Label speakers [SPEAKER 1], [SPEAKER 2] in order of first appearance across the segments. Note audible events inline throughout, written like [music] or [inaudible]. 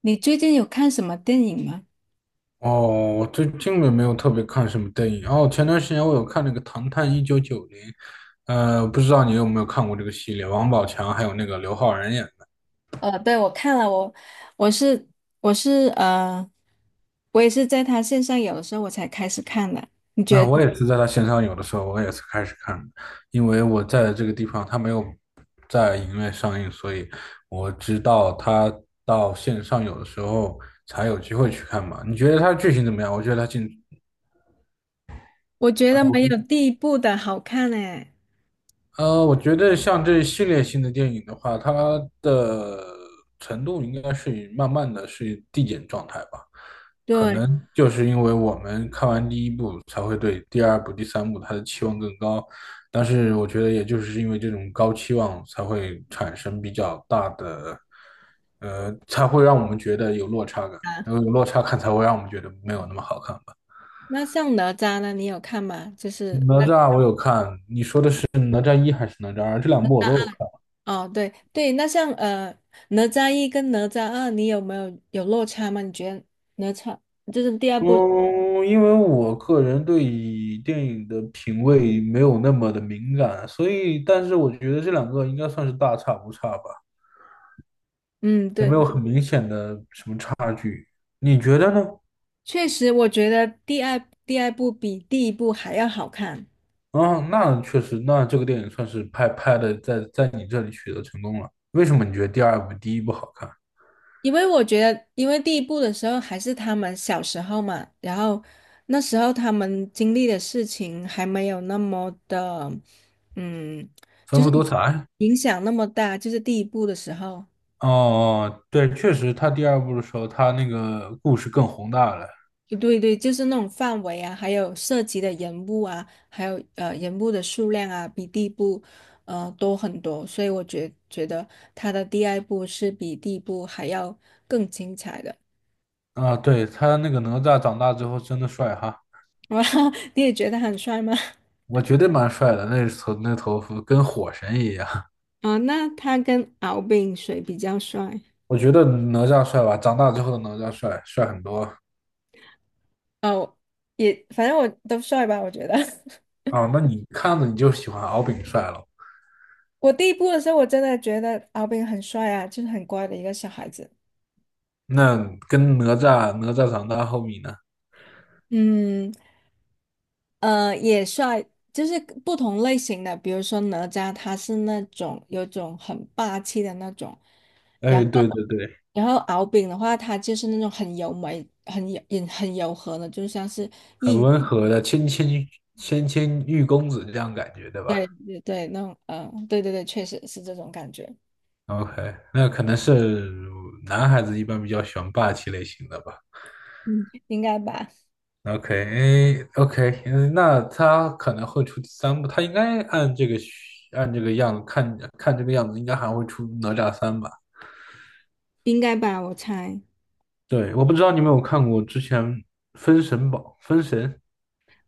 [SPEAKER 1] 你最近有看什么电影吗？
[SPEAKER 2] 哦，我最近也没有特别看什么电影。哦，前段时间我有看那个《唐探一九九零》，不知道你有没有看过这个系列，王宝强还有那个刘昊然演的。
[SPEAKER 1] 对，我看了，我是我是呃，我也是在他线上有的时候我才开始看的。你
[SPEAKER 2] 那
[SPEAKER 1] 觉得？
[SPEAKER 2] 我也是在他线上有的时候，我也是开始看的，因为我在这个地方他没有在影院上映，所以我知道他到线上有的时候才有机会去看嘛。你觉得他剧情怎么样？
[SPEAKER 1] 我觉得没有第一部的好看诶。
[SPEAKER 2] 我觉得像这系列性的电影的话，它的程度应该是慢慢的是递减状态吧。可
[SPEAKER 1] 对
[SPEAKER 2] 能就是因为我们看完第一部，才会对第二部、第三部它的期望更高。但是我觉得，也就是因为这种高期望，才会产生比较大的，才会让我们觉得有落差感，
[SPEAKER 1] 啊，
[SPEAKER 2] 然后有落差感才会让我们觉得没有那么好看吧。
[SPEAKER 1] 那像哪吒呢？你有看吗？就是
[SPEAKER 2] 哪吒我有看，你说的是哪吒一还是哪吒二？这两部我都有看。
[SPEAKER 1] 那哦，对对，那像哪吒一跟哪吒二，你有没有落差吗？你觉得哪吒就是第二部？
[SPEAKER 2] 嗯，因为我个人对于电影的品味没有那么的敏感，所以，但是我觉得这两个应该算是大差不差吧，
[SPEAKER 1] 嗯，
[SPEAKER 2] 也
[SPEAKER 1] 对，
[SPEAKER 2] 没有很明显的。你觉得呢？
[SPEAKER 1] 确实，我觉得第二部比第一部还要好看。
[SPEAKER 2] 啊，那确实，那这个电影算是拍的在你这里取得成功了。为什么你觉得第二部第一部好看？
[SPEAKER 1] 因为我觉得，因为第一部的时候还是他们小时候嘛，然后那时候他们经历的事情还没有那么的，嗯，
[SPEAKER 2] 丰
[SPEAKER 1] 就是
[SPEAKER 2] 富多彩？
[SPEAKER 1] 影响那么大，就是第一部的时候，
[SPEAKER 2] 哦哦，对，确实，他第二部的时候，他那个故事更宏大了。
[SPEAKER 1] 对对，就是那种范围啊，还有涉及的人物啊，还有人物的数量啊，比第一部多很多，所以我觉得他的第二部是比第一部还要更精彩的。
[SPEAKER 2] 啊，对，他那个哪吒长大之后真的帅哈。
[SPEAKER 1] [laughs] 哇，你也觉得他很帅吗？
[SPEAKER 2] 我觉得蛮帅的，那头发跟火神一样。[laughs]
[SPEAKER 1] 啊，那他跟敖丙谁比较帅？
[SPEAKER 2] 我觉得哪吒帅吧，长大之后的哪吒帅很多
[SPEAKER 1] 哦，也反正我都帅吧，我觉得。[laughs]
[SPEAKER 2] 啊。那你看着你就喜欢敖丙帅了，
[SPEAKER 1] 我第一部的时候，我真的觉得敖丙很帅啊，就是很乖的一个小孩子。
[SPEAKER 2] 那跟哪吒长大后面呢？
[SPEAKER 1] 嗯，也帅，就是不同类型的，比如说哪吒，他是那种有种很霸气的那种，然
[SPEAKER 2] 哎，对
[SPEAKER 1] 后
[SPEAKER 2] 对对，
[SPEAKER 1] 敖丙的话，他就是那种很柔美、很柔、也很柔和的，就像是
[SPEAKER 2] 很
[SPEAKER 1] 一，
[SPEAKER 2] 温和的谦谦玉公子这样感觉，对吧
[SPEAKER 1] 对对对，那种，嗯、对对对，确实是这种感觉，
[SPEAKER 2] ？OK，那可能是男孩子一般比较喜欢霸气类型的吧。
[SPEAKER 1] 嗯，应该吧。
[SPEAKER 2] OK，o k 嗯，那他可能会出第三部，他应该按这个样子看看这个样子，应该还会出哪吒三吧？
[SPEAKER 1] 应该吧，我猜。
[SPEAKER 2] 对，我不知道你有没有看过之前《封神》，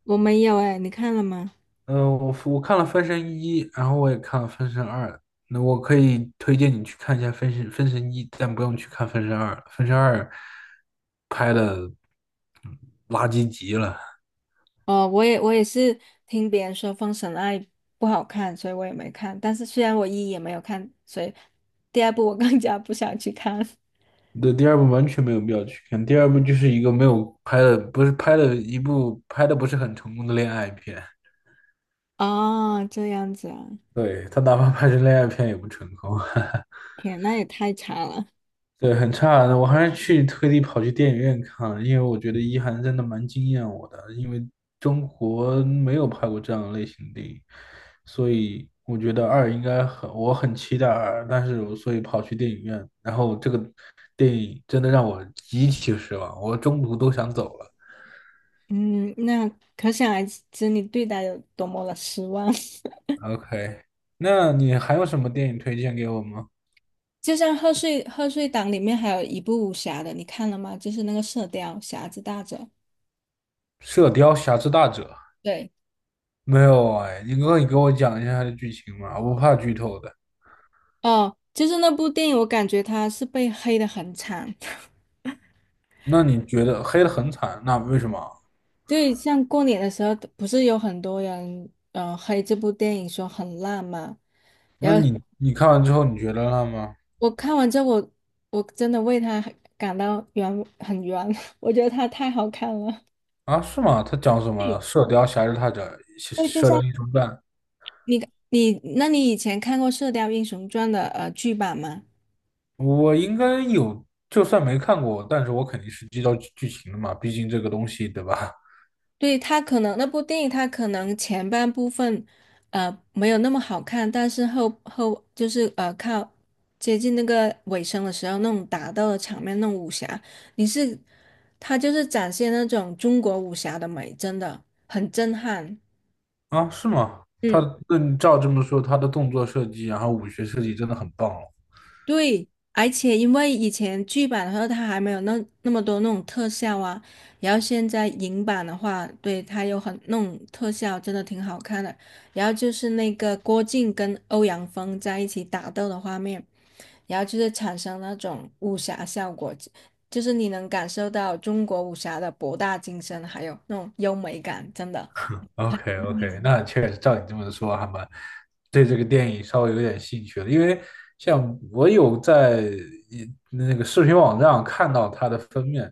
[SPEAKER 1] 我没有哎，你看了吗？
[SPEAKER 2] 嗯、我看了《封神一》，然后我也看了《封神二》，那我可以推荐你去看一下《封神一》，但不用去看《封神二》，《封神二》拍的垃圾极了。
[SPEAKER 1] 哦，我也是听别人说《封神二》不好看，所以我也没看。但是虽然我一也没有看，所以第二部我更加不想去看。[laughs]
[SPEAKER 2] 对，第二部完全没有必要去看。第二部就是一个没有拍的，不是拍的一部拍的不是很成功的恋爱片。
[SPEAKER 1] 哦，这样子啊，
[SPEAKER 2] 对，他哪怕拍成恋爱片也不成功，
[SPEAKER 1] 天，那也太差了。
[SPEAKER 2] [laughs] 对，很差。的，我还是去特地跑去电影院看了，因为我觉得一涵真的蛮惊艳我的，因为中国没有拍过这样的类型的电影，所以我觉得二应该很，我很期待二，但是我所以跑去电影院，然后这个电影真的让我极其失望，我中途都想走了。
[SPEAKER 1] 嗯，那可想而知你对他有多么的失望。[laughs]
[SPEAKER 2] OK，那你还有什么电影推荐给我吗？
[SPEAKER 1] 就像贺岁档里面还有一部武侠的，你看了吗？就是那个《射雕》，侠之大者。
[SPEAKER 2] 《射雕侠之大者》
[SPEAKER 1] 对。
[SPEAKER 2] 没有啊哎，你可以给我讲一下它的剧情嘛，我不怕剧透的。
[SPEAKER 1] 哦，就是那部电影，我感觉它是被黑的很惨。[laughs]
[SPEAKER 2] 那你觉得黑的很惨，那为什么啊？
[SPEAKER 1] 对，像过年的时候，不是有很多人黑这部电影说很烂嘛？
[SPEAKER 2] 那
[SPEAKER 1] 然后
[SPEAKER 2] 你看完之后你觉得了吗？
[SPEAKER 1] 我看完之后，我真的为他感到冤，很冤。[laughs] 我觉得他太好看了。
[SPEAKER 2] 啊，是吗？他讲什么了？
[SPEAKER 1] 对，
[SPEAKER 2] 《射雕侠之大者》
[SPEAKER 1] 就
[SPEAKER 2] 射《雕
[SPEAKER 1] 像
[SPEAKER 2] 英雄传》，
[SPEAKER 1] 你你，那你以前看过《射雕英雄传》的剧版吗？
[SPEAKER 2] 我应该有，就算没看过，但是我肯定是知道剧情的嘛，毕竟这个东西，对吧？
[SPEAKER 1] 对，他可能那部电影，他可能前半部分，没有那么好看，但是后后就是呃，靠接近那个尾声的时候，那种打斗的场面，那种武侠，你是，他就是展现那种中国武侠的美，真的很震撼。
[SPEAKER 2] 啊，是吗？
[SPEAKER 1] 嗯。
[SPEAKER 2] 那你照这么说，他的动作设计，然后武学设计真的很棒哦。
[SPEAKER 1] 对，而且因为以前剧版的时候，它还没有那么多那种特效啊，然后现在影版的话，对，它有很那种特效，真的挺好看的。然后就是那个郭靖跟欧阳锋在一起打斗的画面，然后就是产生那种武侠效果，就是你能感受到中国武侠的博大精深，还有那种优美感，真的。
[SPEAKER 2] OK OK，那确实照你这么说，还蛮对这个电影稍微有点兴趣了，因为像我有在那个视频网站上看到它的封面，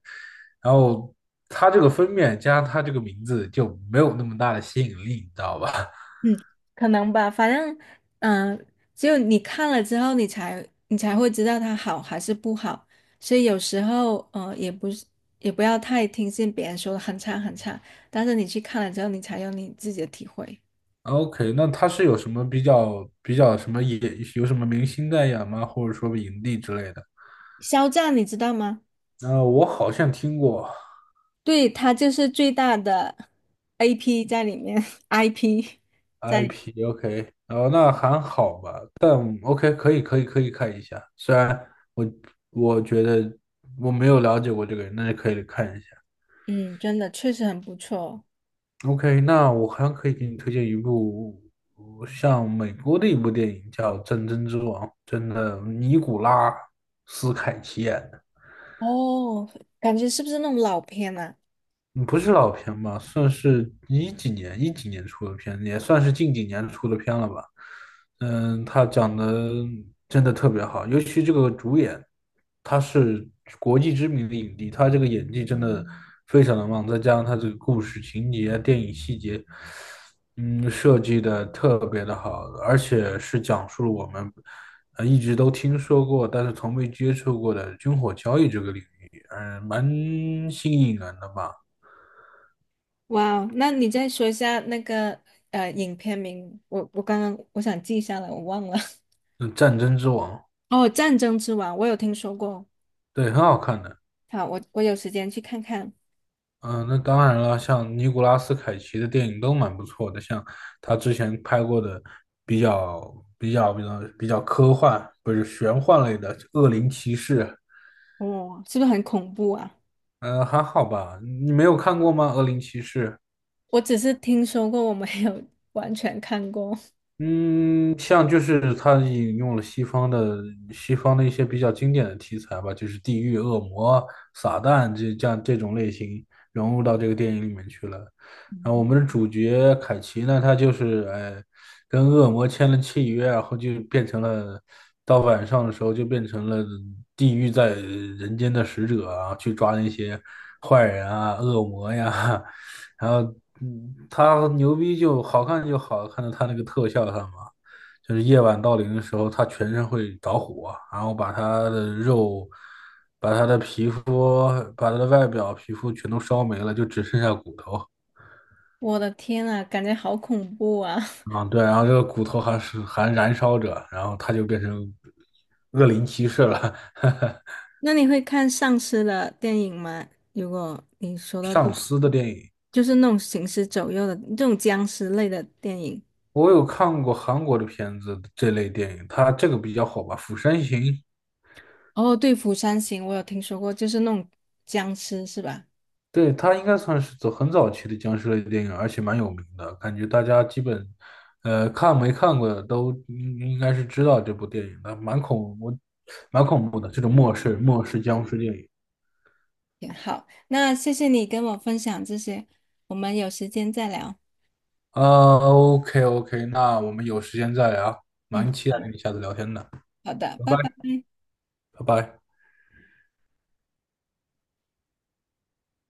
[SPEAKER 2] 然后它这个封面加上它这个名字就没有那么大的吸引力，你知道吧
[SPEAKER 1] 嗯，可能吧，反正，嗯、只有你看了之后，你才会知道它好还是不好。所以有时候，也不是也不要太听信别人说的很差很差，但是你去看了之后，你才有你自己的体会。
[SPEAKER 2] [laughs]？OK，那它是有什么比较什么有什么明星代言吗？或者说影帝之类的？
[SPEAKER 1] 肖战，你知道吗？
[SPEAKER 2] 我好像听过，
[SPEAKER 1] 对，他就是最大的 AP 在里面，IP [laughs] 在里，
[SPEAKER 2] IP，OK，然后那还好吧，但 OK，可以，可以，可以看一下。虽然我我觉得我没有了解过这个人，但是可以看一下。
[SPEAKER 1] 嗯，真的确实很不错
[SPEAKER 2] OK，那我还可以给你推荐一部像美国的一部电影，叫《战争之王》，真的，尼古拉斯凯奇演的。
[SPEAKER 1] 哦，哦感觉是不是那种老片啊？
[SPEAKER 2] 嗯不是老片吧，算是一几年出的片，也算是近几年出的片了吧。嗯，他讲的真的特别好，尤其这个主演，他是国际知名的影帝，他这个演技真的非常的棒，再加上他这个故事情节、电影细节，嗯，设计的特别的好，而且是讲述了我们一直都听说过，但是从未接触过的军火交易这个领域，嗯，蛮新颖人的吧。
[SPEAKER 1] 哇哦，那你再说一下那个影片名，我刚刚我想记下来，我忘了。[laughs]
[SPEAKER 2] 嗯，《战争之王》
[SPEAKER 1] 哦，《战争之王》，我有听说过。
[SPEAKER 2] 对，很好看的。
[SPEAKER 1] 好，我有时间去看看。
[SPEAKER 2] 嗯，那当然了，像尼古拉斯凯奇的电影都蛮不错的，像他之前拍过的比较科幻，不是玄幻类的《恶灵骑士》，
[SPEAKER 1] 哦，是不是很恐怖啊？
[SPEAKER 2] 还好吧？你没有看过吗？《恶灵骑士》
[SPEAKER 1] 我只是听说过，我没有完全看过。
[SPEAKER 2] 嗯，像就是他引用了西方的一些比较经典的题材吧，就是地狱、恶魔、撒旦这样这种类型融入到这个电影里面去了。然后我们的主角凯奇呢，他就是跟恶魔签了契约，然后就变成了到晚上的时候就变成了地狱在人间的使者啊，去抓那些坏人啊、恶魔呀。[laughs] 然后，他牛逼就好看在他那个特效上嘛，就是夜晚到临的时候，他全身会着火，然后把他的肉、把他的皮肤、把他的外表、皮肤全都烧没了，就只剩下骨头。
[SPEAKER 1] [laughs] 我的天啊，感觉好恐怖啊！
[SPEAKER 2] 嗯，对，然后这个骨头还燃烧着，然后他就变成恶灵骑士了。[laughs]
[SPEAKER 1] [laughs] 那你会看丧尸的电影吗？如果你说到这
[SPEAKER 2] 上司的电影，
[SPEAKER 1] 就是那种行尸走肉的这种僵尸类的电影。
[SPEAKER 2] 我有看过韩国的片子，这类电影，他这个比较火吧，《釜山行》
[SPEAKER 1] 哦，对，《釜山行》我有听说过，就是那种僵尸是吧？
[SPEAKER 2] 对，它应该算是走很早期的僵尸类电影，而且蛮有名的，感觉大家基本，看没看过的都应该是知道这部电影的，蛮恐怖的这种末世僵尸电影。
[SPEAKER 1] 挺好，那谢谢你跟我分享这些，我们有时间再聊。
[SPEAKER 2] 啊 o k OK，那我们有时间再聊，
[SPEAKER 1] 嗯，
[SPEAKER 2] 蛮期
[SPEAKER 1] 好
[SPEAKER 2] 待
[SPEAKER 1] 的，
[SPEAKER 2] 跟你下次聊天的，
[SPEAKER 1] 好的，拜
[SPEAKER 2] 拜
[SPEAKER 1] 拜。
[SPEAKER 2] 拜，拜拜。